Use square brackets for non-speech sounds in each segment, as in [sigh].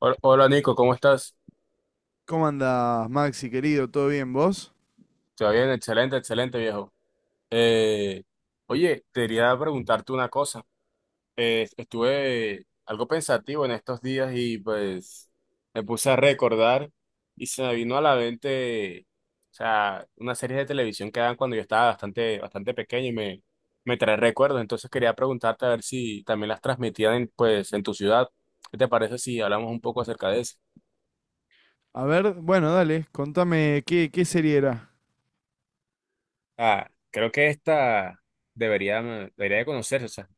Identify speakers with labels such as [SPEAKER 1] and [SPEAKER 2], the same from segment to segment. [SPEAKER 1] Hola Nico, ¿cómo estás?
[SPEAKER 2] ¿Cómo andás, Maxi, querido? ¿Todo bien vos?
[SPEAKER 1] ¿Todo bien? Excelente, excelente viejo. Eh, Oye, te quería preguntarte una cosa. Estuve algo pensativo en estos días y pues me puse a recordar y se me vino a la mente, o sea, una serie de televisión que daban cuando yo estaba bastante, bastante pequeño y me trae recuerdos. Entonces quería preguntarte a ver si también las transmitían en, pues, en tu ciudad. ¿Qué te parece si hablamos un poco acerca de eso?
[SPEAKER 2] A ver, bueno, dale, contame qué serie era.
[SPEAKER 1] Ah, creo que esta debería de conocerse. O sea,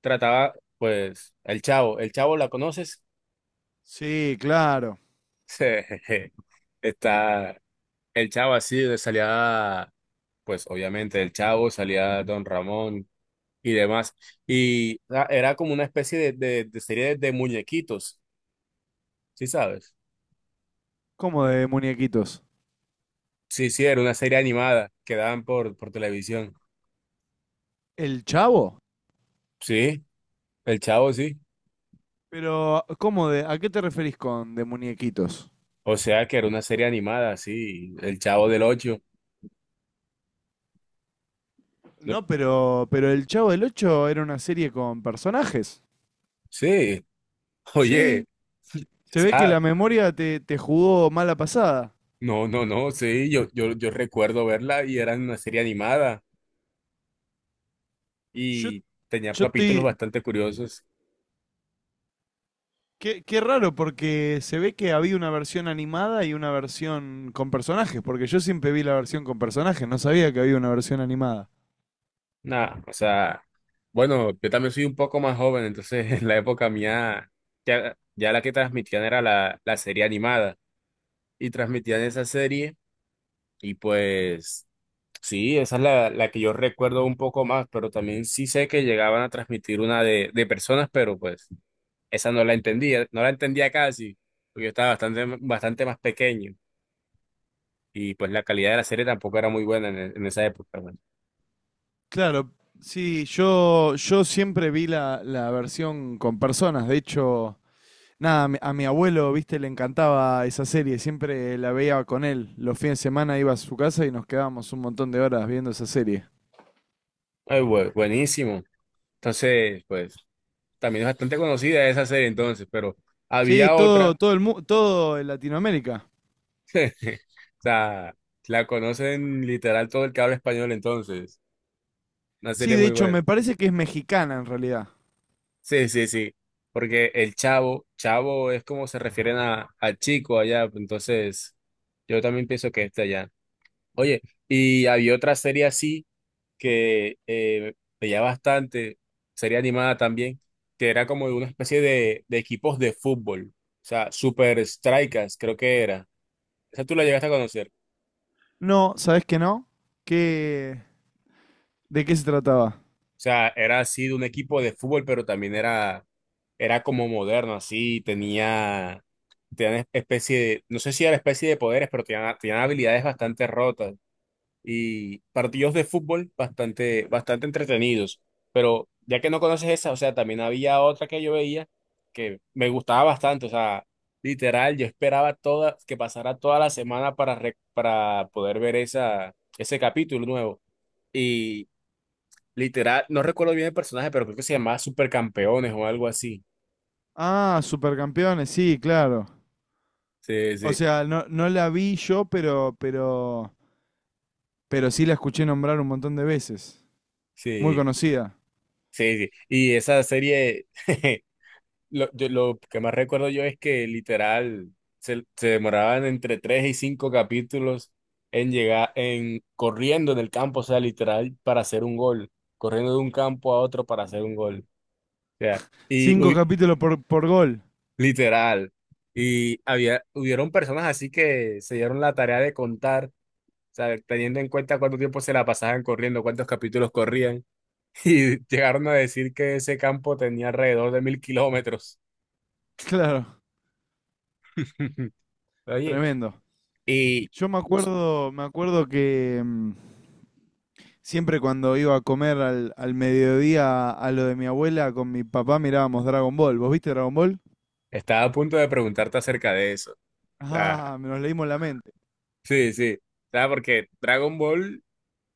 [SPEAKER 1] trataba, pues, el Chavo. ¿El Chavo la conoces?
[SPEAKER 2] Sí, claro.
[SPEAKER 1] [laughs] Está el Chavo así, de salía, pues, obviamente, el Chavo, salía Don Ramón y demás. Y era como una especie de serie de muñequitos, ¿sí sabes?
[SPEAKER 2] ¿Cómo de muñequitos?
[SPEAKER 1] Sí, sí, era una serie animada que daban por televisión.
[SPEAKER 2] ¿El Chavo?
[SPEAKER 1] Sí, el Chavo, sí.
[SPEAKER 2] Pero, ¿a qué te referís con de muñequitos?
[SPEAKER 1] O sea que era una serie animada, sí, el Chavo del Ocho. No-
[SPEAKER 2] No, pero El Chavo del ocho era una serie con personajes.
[SPEAKER 1] Sí,
[SPEAKER 2] Sí.
[SPEAKER 1] oye, o
[SPEAKER 2] Se ve que la
[SPEAKER 1] sea,
[SPEAKER 2] memoria te jugó mala pasada.
[SPEAKER 1] no, no, no, sí, yo recuerdo verla y era una serie animada
[SPEAKER 2] Yo,
[SPEAKER 1] y tenía
[SPEAKER 2] yo
[SPEAKER 1] capítulos
[SPEAKER 2] estoy,
[SPEAKER 1] bastante curiosos.
[SPEAKER 2] qué raro, porque se ve que había una versión animada y una versión con personajes, porque yo siempre vi la versión con personajes, no sabía que había una versión animada.
[SPEAKER 1] Nada, o sea, bueno, yo también soy un poco más joven, entonces [laughs] en la época mía ya la que transmitían era la serie animada y transmitían esa serie y pues sí, esa es la que yo recuerdo un poco más, pero también sí sé que llegaban a transmitir una de personas, pero pues. Esa no la entendía, no la entendía casi, porque yo estaba bastante, bastante más pequeño y pues la calidad de la serie tampoco era muy buena en esa época. Bueno.
[SPEAKER 2] Claro, sí, yo siempre vi la versión con personas. De hecho, nada, a mi abuelo, viste, le encantaba esa serie, siempre la veía con él, los fines de semana iba a su casa y nos quedábamos un montón de horas viendo esa serie.
[SPEAKER 1] Ay, buenísimo. Entonces, pues también es bastante conocida esa serie entonces, pero
[SPEAKER 2] Sí,
[SPEAKER 1] había
[SPEAKER 2] todo,
[SPEAKER 1] otra,
[SPEAKER 2] todo en Latinoamérica.
[SPEAKER 1] [laughs] o sea, la conocen literal todo el que habla español entonces, una
[SPEAKER 2] Sí,
[SPEAKER 1] serie
[SPEAKER 2] de
[SPEAKER 1] muy
[SPEAKER 2] hecho,
[SPEAKER 1] buena.
[SPEAKER 2] me parece que es mexicana en realidad.
[SPEAKER 1] Sí, sí, sí, porque el chavo, chavo es como se refieren a chico allá, pues, entonces yo también pienso que es de allá. Oye, y había otra serie así que veía bastante, serie animada también, que era como de una especie de equipos de fútbol, o sea, Super Strikers creo que era. ¿Esa tú la llegaste a conocer?
[SPEAKER 2] No, ¿sabés que no? Qué, ¿de qué se trataba?
[SPEAKER 1] O sea, era así de un equipo de fútbol, pero también era como moderno, así, tenía especie de, no sé si era especie de poderes, pero tenían habilidades bastante rotas. Y partidos de fútbol bastante, bastante entretenidos. Pero ya que no conoces esa, o sea, también había otra que yo veía que me gustaba bastante, o sea, literal, yo esperaba que pasara toda la semana para poder ver esa, ese capítulo nuevo. Y literal, no recuerdo bien el personaje, pero creo que se llamaba Supercampeones o algo así.
[SPEAKER 2] Ah, Supercampeones, sí, claro.
[SPEAKER 1] Sí,
[SPEAKER 2] O
[SPEAKER 1] sí,
[SPEAKER 2] sea, no, no la vi yo, pero sí la escuché nombrar un montón de veces. Muy
[SPEAKER 1] sí,
[SPEAKER 2] conocida.
[SPEAKER 1] sí, sí. Y esa serie [laughs] lo que más recuerdo yo es que literal se demoraban entre tres y cinco capítulos en llegar, en corriendo en el campo, o sea, literal para hacer un gol, corriendo de un campo a otro para hacer un gol, o sea, y
[SPEAKER 2] Cinco
[SPEAKER 1] uy,
[SPEAKER 2] capítulos por gol. [laughs]
[SPEAKER 1] literal. Y hubieron personas así que se dieron la tarea de contar, o sea, teniendo en cuenta cuánto tiempo se la pasaban corriendo, cuántos capítulos corrían, [laughs] y llegaron a decir que ese campo tenía alrededor de 1.000 kilómetros.
[SPEAKER 2] Claro,
[SPEAKER 1] [laughs] Oye.
[SPEAKER 2] tremendo.
[SPEAKER 1] Y pues,
[SPEAKER 2] Me acuerdo que siempre cuando iba a comer al mediodía a lo de mi abuela con mi papá mirábamos Dragon Ball. ¿Vos viste Dragon Ball?
[SPEAKER 1] estaba a punto de preguntarte acerca de eso. O sea,
[SPEAKER 2] Ah, [laughs] nos leímos la mente.
[SPEAKER 1] sí, sí. O sea, porque Dragon Ball,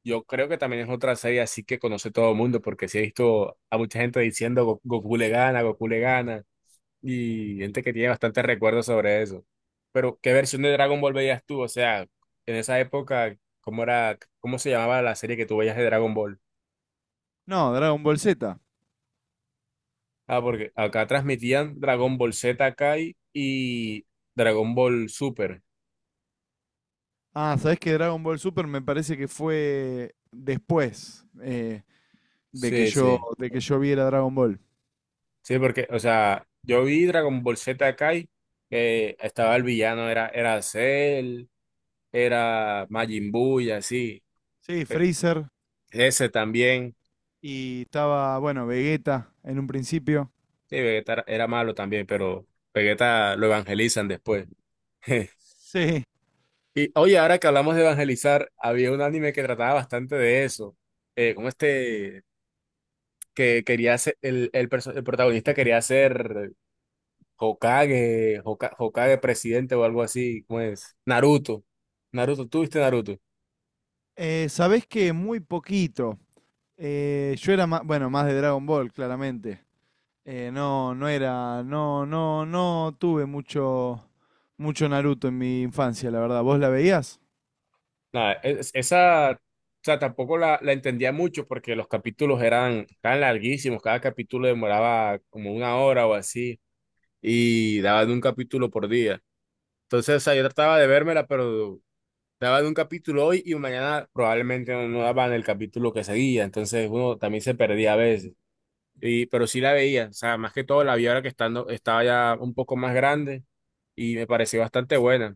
[SPEAKER 1] yo creo que también es otra serie así que conoce todo el mundo, porque sí he visto a mucha gente diciendo Goku le gana, y gente que tiene bastantes recuerdos sobre eso. Pero, ¿qué versión de Dragon Ball veías tú? O sea, en esa época, ¿cómo era, cómo se llamaba la serie que tú veías de Dragon Ball?
[SPEAKER 2] No, Dragon Ball Z.
[SPEAKER 1] Ah, porque acá transmitían Dragon Ball Z Kai y Dragon Ball Super.
[SPEAKER 2] Ah, ¿sabés que Dragon Ball Super me parece que fue después,
[SPEAKER 1] Sí, sí.
[SPEAKER 2] de que yo viera Dragon Ball?
[SPEAKER 1] Sí, porque, o sea, yo vi Dragon Ball Z Kai, que estaba el villano, era Cell, era Majin Buu y así.
[SPEAKER 2] Sí,
[SPEAKER 1] Pe-
[SPEAKER 2] Freezer
[SPEAKER 1] Ese también.
[SPEAKER 2] y estaba, bueno, Vegeta en un principio.
[SPEAKER 1] Sí, Vegeta era malo también, pero Vegeta lo evangelizan después. [laughs]
[SPEAKER 2] Sí.
[SPEAKER 1] Y oye, ahora que hablamos de evangelizar, había un anime que trataba bastante de eso. Como este, que quería ser, el protagonista quería ser Hokage, Hokage presidente o algo así, como es? Naruto. Naruto, ¿tú viste Naruto?
[SPEAKER 2] ¿Sabés que muy poquito? Yo era más, bueno, más de Dragon Ball, claramente. No, no era, no, no, no tuve mucho Naruto en mi infancia, la verdad. ¿Vos la veías?
[SPEAKER 1] Nada, esa, o sea, tampoco la entendía mucho porque los capítulos eran tan larguísimos, cada capítulo demoraba como una hora o así y daban un capítulo por día. Entonces, o sea, yo trataba de vérmela, pero daban un capítulo hoy y mañana probablemente no daban el capítulo que seguía, entonces uno también se perdía a veces. Y, pero sí la veía, o sea, más que todo la vi ahora que estaba ya un poco más grande y me pareció bastante buena.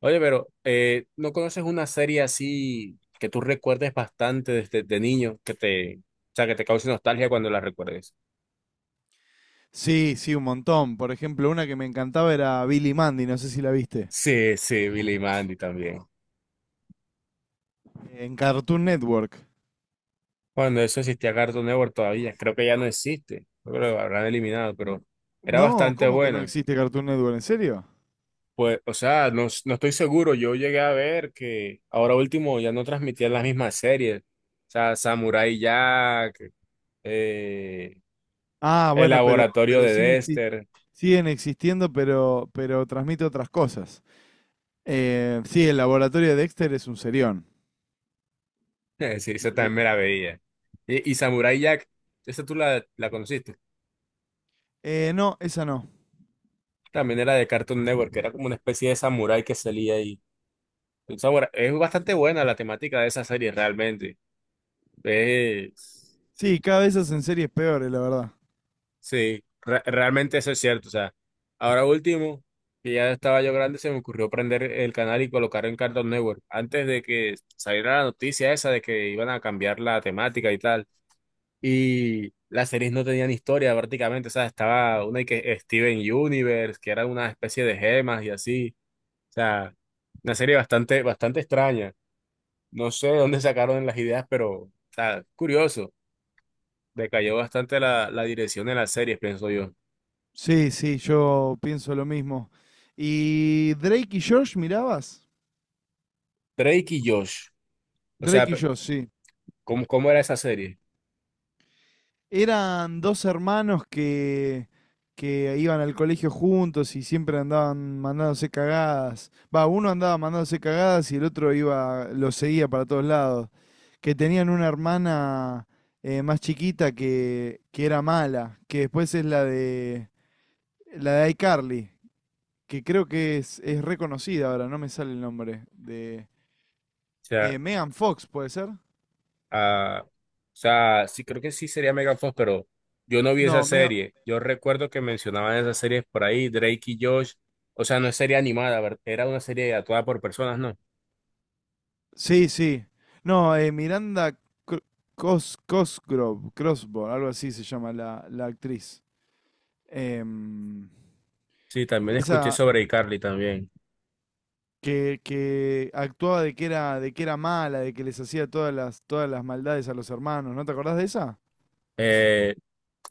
[SPEAKER 1] Oye, pero ¿no conoces una serie así que tú recuerdes bastante desde de niño, que te, o sea, que te cause nostalgia cuando la recuerdes?
[SPEAKER 2] Sí, sí, un montón. Por ejemplo, una que me encantaba era Billy Mandy, no sé si la viste.
[SPEAKER 1] Sí, sí, Billy y Mandy también.
[SPEAKER 2] En Cartoon Network.
[SPEAKER 1] Cuando eso existía Cartoon Network todavía, creo que ya no existe, yo creo que lo habrán eliminado, pero era
[SPEAKER 2] No,
[SPEAKER 1] bastante
[SPEAKER 2] ¿cómo que no
[SPEAKER 1] buena.
[SPEAKER 2] existe Cartoon Network? ¿En serio?
[SPEAKER 1] Pues, o sea, no estoy seguro, yo llegué a ver que ahora último ya no transmitían las mismas series, o sea, Samurai Jack, eh,
[SPEAKER 2] Ah,
[SPEAKER 1] El
[SPEAKER 2] bueno, pero,
[SPEAKER 1] Laboratorio de Dexter.
[SPEAKER 2] siguen existiendo, pero transmite otras cosas. Sí, el laboratorio de Dexter es un serión.
[SPEAKER 1] [laughs] Sí, esa también me
[SPEAKER 2] Increíble.
[SPEAKER 1] la veía. Y Samurai Jack, ¿esa tú la conociste?
[SPEAKER 2] No, esa no.
[SPEAKER 1] También era de Cartoon Network, que era como una especie de samurái que salía ahí. Es bastante buena la temática de esa serie, realmente. Es
[SPEAKER 2] Sí, cada vez hacen series peores, la verdad.
[SPEAKER 1] Sí, realmente eso es cierto. O sea, ahora último, que ya estaba yo grande, se me ocurrió prender el canal y colocar en Cartoon Network. Antes de que saliera la noticia esa de que iban a cambiar la temática y tal. Y las series no tenían historia prácticamente, o sea, estaba una que Steven Universe, que era una especie de gemas y así, o sea, una serie bastante, bastante extraña. No sé de dónde sacaron las ideas, pero, o sea, curioso, decayó bastante la dirección de las series, pienso yo.
[SPEAKER 2] Sí, sí, yo pienso lo mismo. ¿Y Drake y Josh mirabas?
[SPEAKER 1] Drake y Josh, o sea,
[SPEAKER 2] Drake y Josh, sí.
[SPEAKER 1] ¿cómo era esa serie?
[SPEAKER 2] Eran dos hermanos que iban al colegio juntos y siempre andaban mandándose cagadas. Va, uno andaba mandándose cagadas y el otro iba, lo seguía para todos lados. Que tenían una hermana, más chiquita que era mala, que después es la de iCarly, que creo que es reconocida ahora, no me sale el nombre. De
[SPEAKER 1] O sea,
[SPEAKER 2] Megan Fox, ¿puede ser?
[SPEAKER 1] ah, o sea, sí, creo que sí sería Megan Fox, pero yo no vi esa
[SPEAKER 2] No, me
[SPEAKER 1] serie. Yo recuerdo que mencionaban esas series por ahí, Drake y Josh. O sea, no es serie animada, era una serie actuada por personas, ¿no?
[SPEAKER 2] Sí, sí. No, Miranda Cro- Cosgrove, Crossbow, algo así se llama la actriz. Em,
[SPEAKER 1] Sí, también escuché
[SPEAKER 2] esa
[SPEAKER 1] sobre iCarly también.
[SPEAKER 2] que actuaba de que era mala, de que les hacía todas todas las maldades a los hermanos. ¿No te acordás de esa?
[SPEAKER 1] Eh,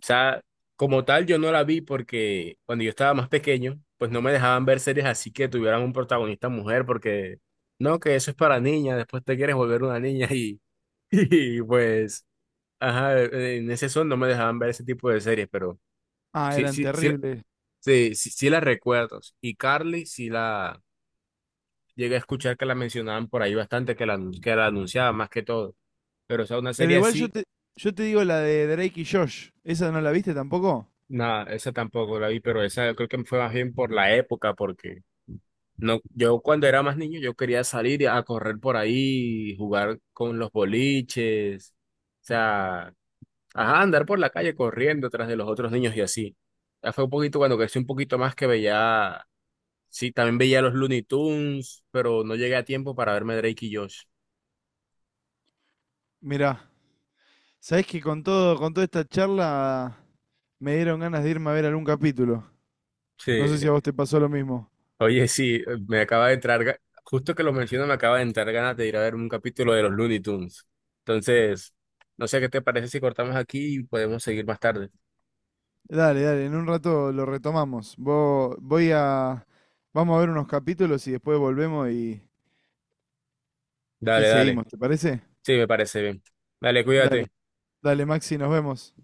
[SPEAKER 1] o sea, como tal, yo no la vi porque cuando yo estaba más pequeño, pues no me dejaban ver series así que tuvieran un protagonista mujer, porque no, que eso es para niñas, después te quieres volver una niña y, [laughs] y pues. Ajá, en ese son no me dejaban ver ese tipo de series, pero
[SPEAKER 2] Ah,
[SPEAKER 1] sí,
[SPEAKER 2] eran
[SPEAKER 1] sí, sí,
[SPEAKER 2] terribles.
[SPEAKER 1] sí, sí, sí la recuerdo. Y Carly sí la llegué a escuchar que la mencionaban por ahí bastante, que la anunciaban más que todo. Pero o sea, una
[SPEAKER 2] Pero
[SPEAKER 1] serie
[SPEAKER 2] igual
[SPEAKER 1] así,
[SPEAKER 2] yo te digo la de Drake y Josh. ¿Esa no la viste tampoco?
[SPEAKER 1] nada, esa tampoco la vi, pero esa yo creo que fue más bien por la época, porque no, yo cuando era más niño yo quería salir a correr por ahí, jugar con los boliches, o sea, ajá, andar por la calle corriendo tras de los otros niños y así. Ya fue un poquito cuando crecí un poquito más que veía, sí, también veía los Looney Tunes, pero no llegué a tiempo para verme Drake y Josh.
[SPEAKER 2] Mirá, sabés que con toda esta charla me dieron ganas de irme a ver algún capítulo.
[SPEAKER 1] Sí.
[SPEAKER 2] No sé si a vos te pasó lo mismo.
[SPEAKER 1] Oye, sí, me acaba de entrar, ga- justo que lo menciono, me acaba de entrar ganas de ir a ver un capítulo de los Looney Tunes. Entonces, no sé qué te parece si cortamos aquí y podemos seguir más tarde.
[SPEAKER 2] Dale, dale, en un rato lo retomamos. Voy a... Vamos a ver unos capítulos y después volvemos y
[SPEAKER 1] Dale, dale.
[SPEAKER 2] seguimos, ¿te parece?
[SPEAKER 1] Sí, me parece bien. Dale,
[SPEAKER 2] Dale,
[SPEAKER 1] cuídate.
[SPEAKER 2] dale, Maxi, nos vemos.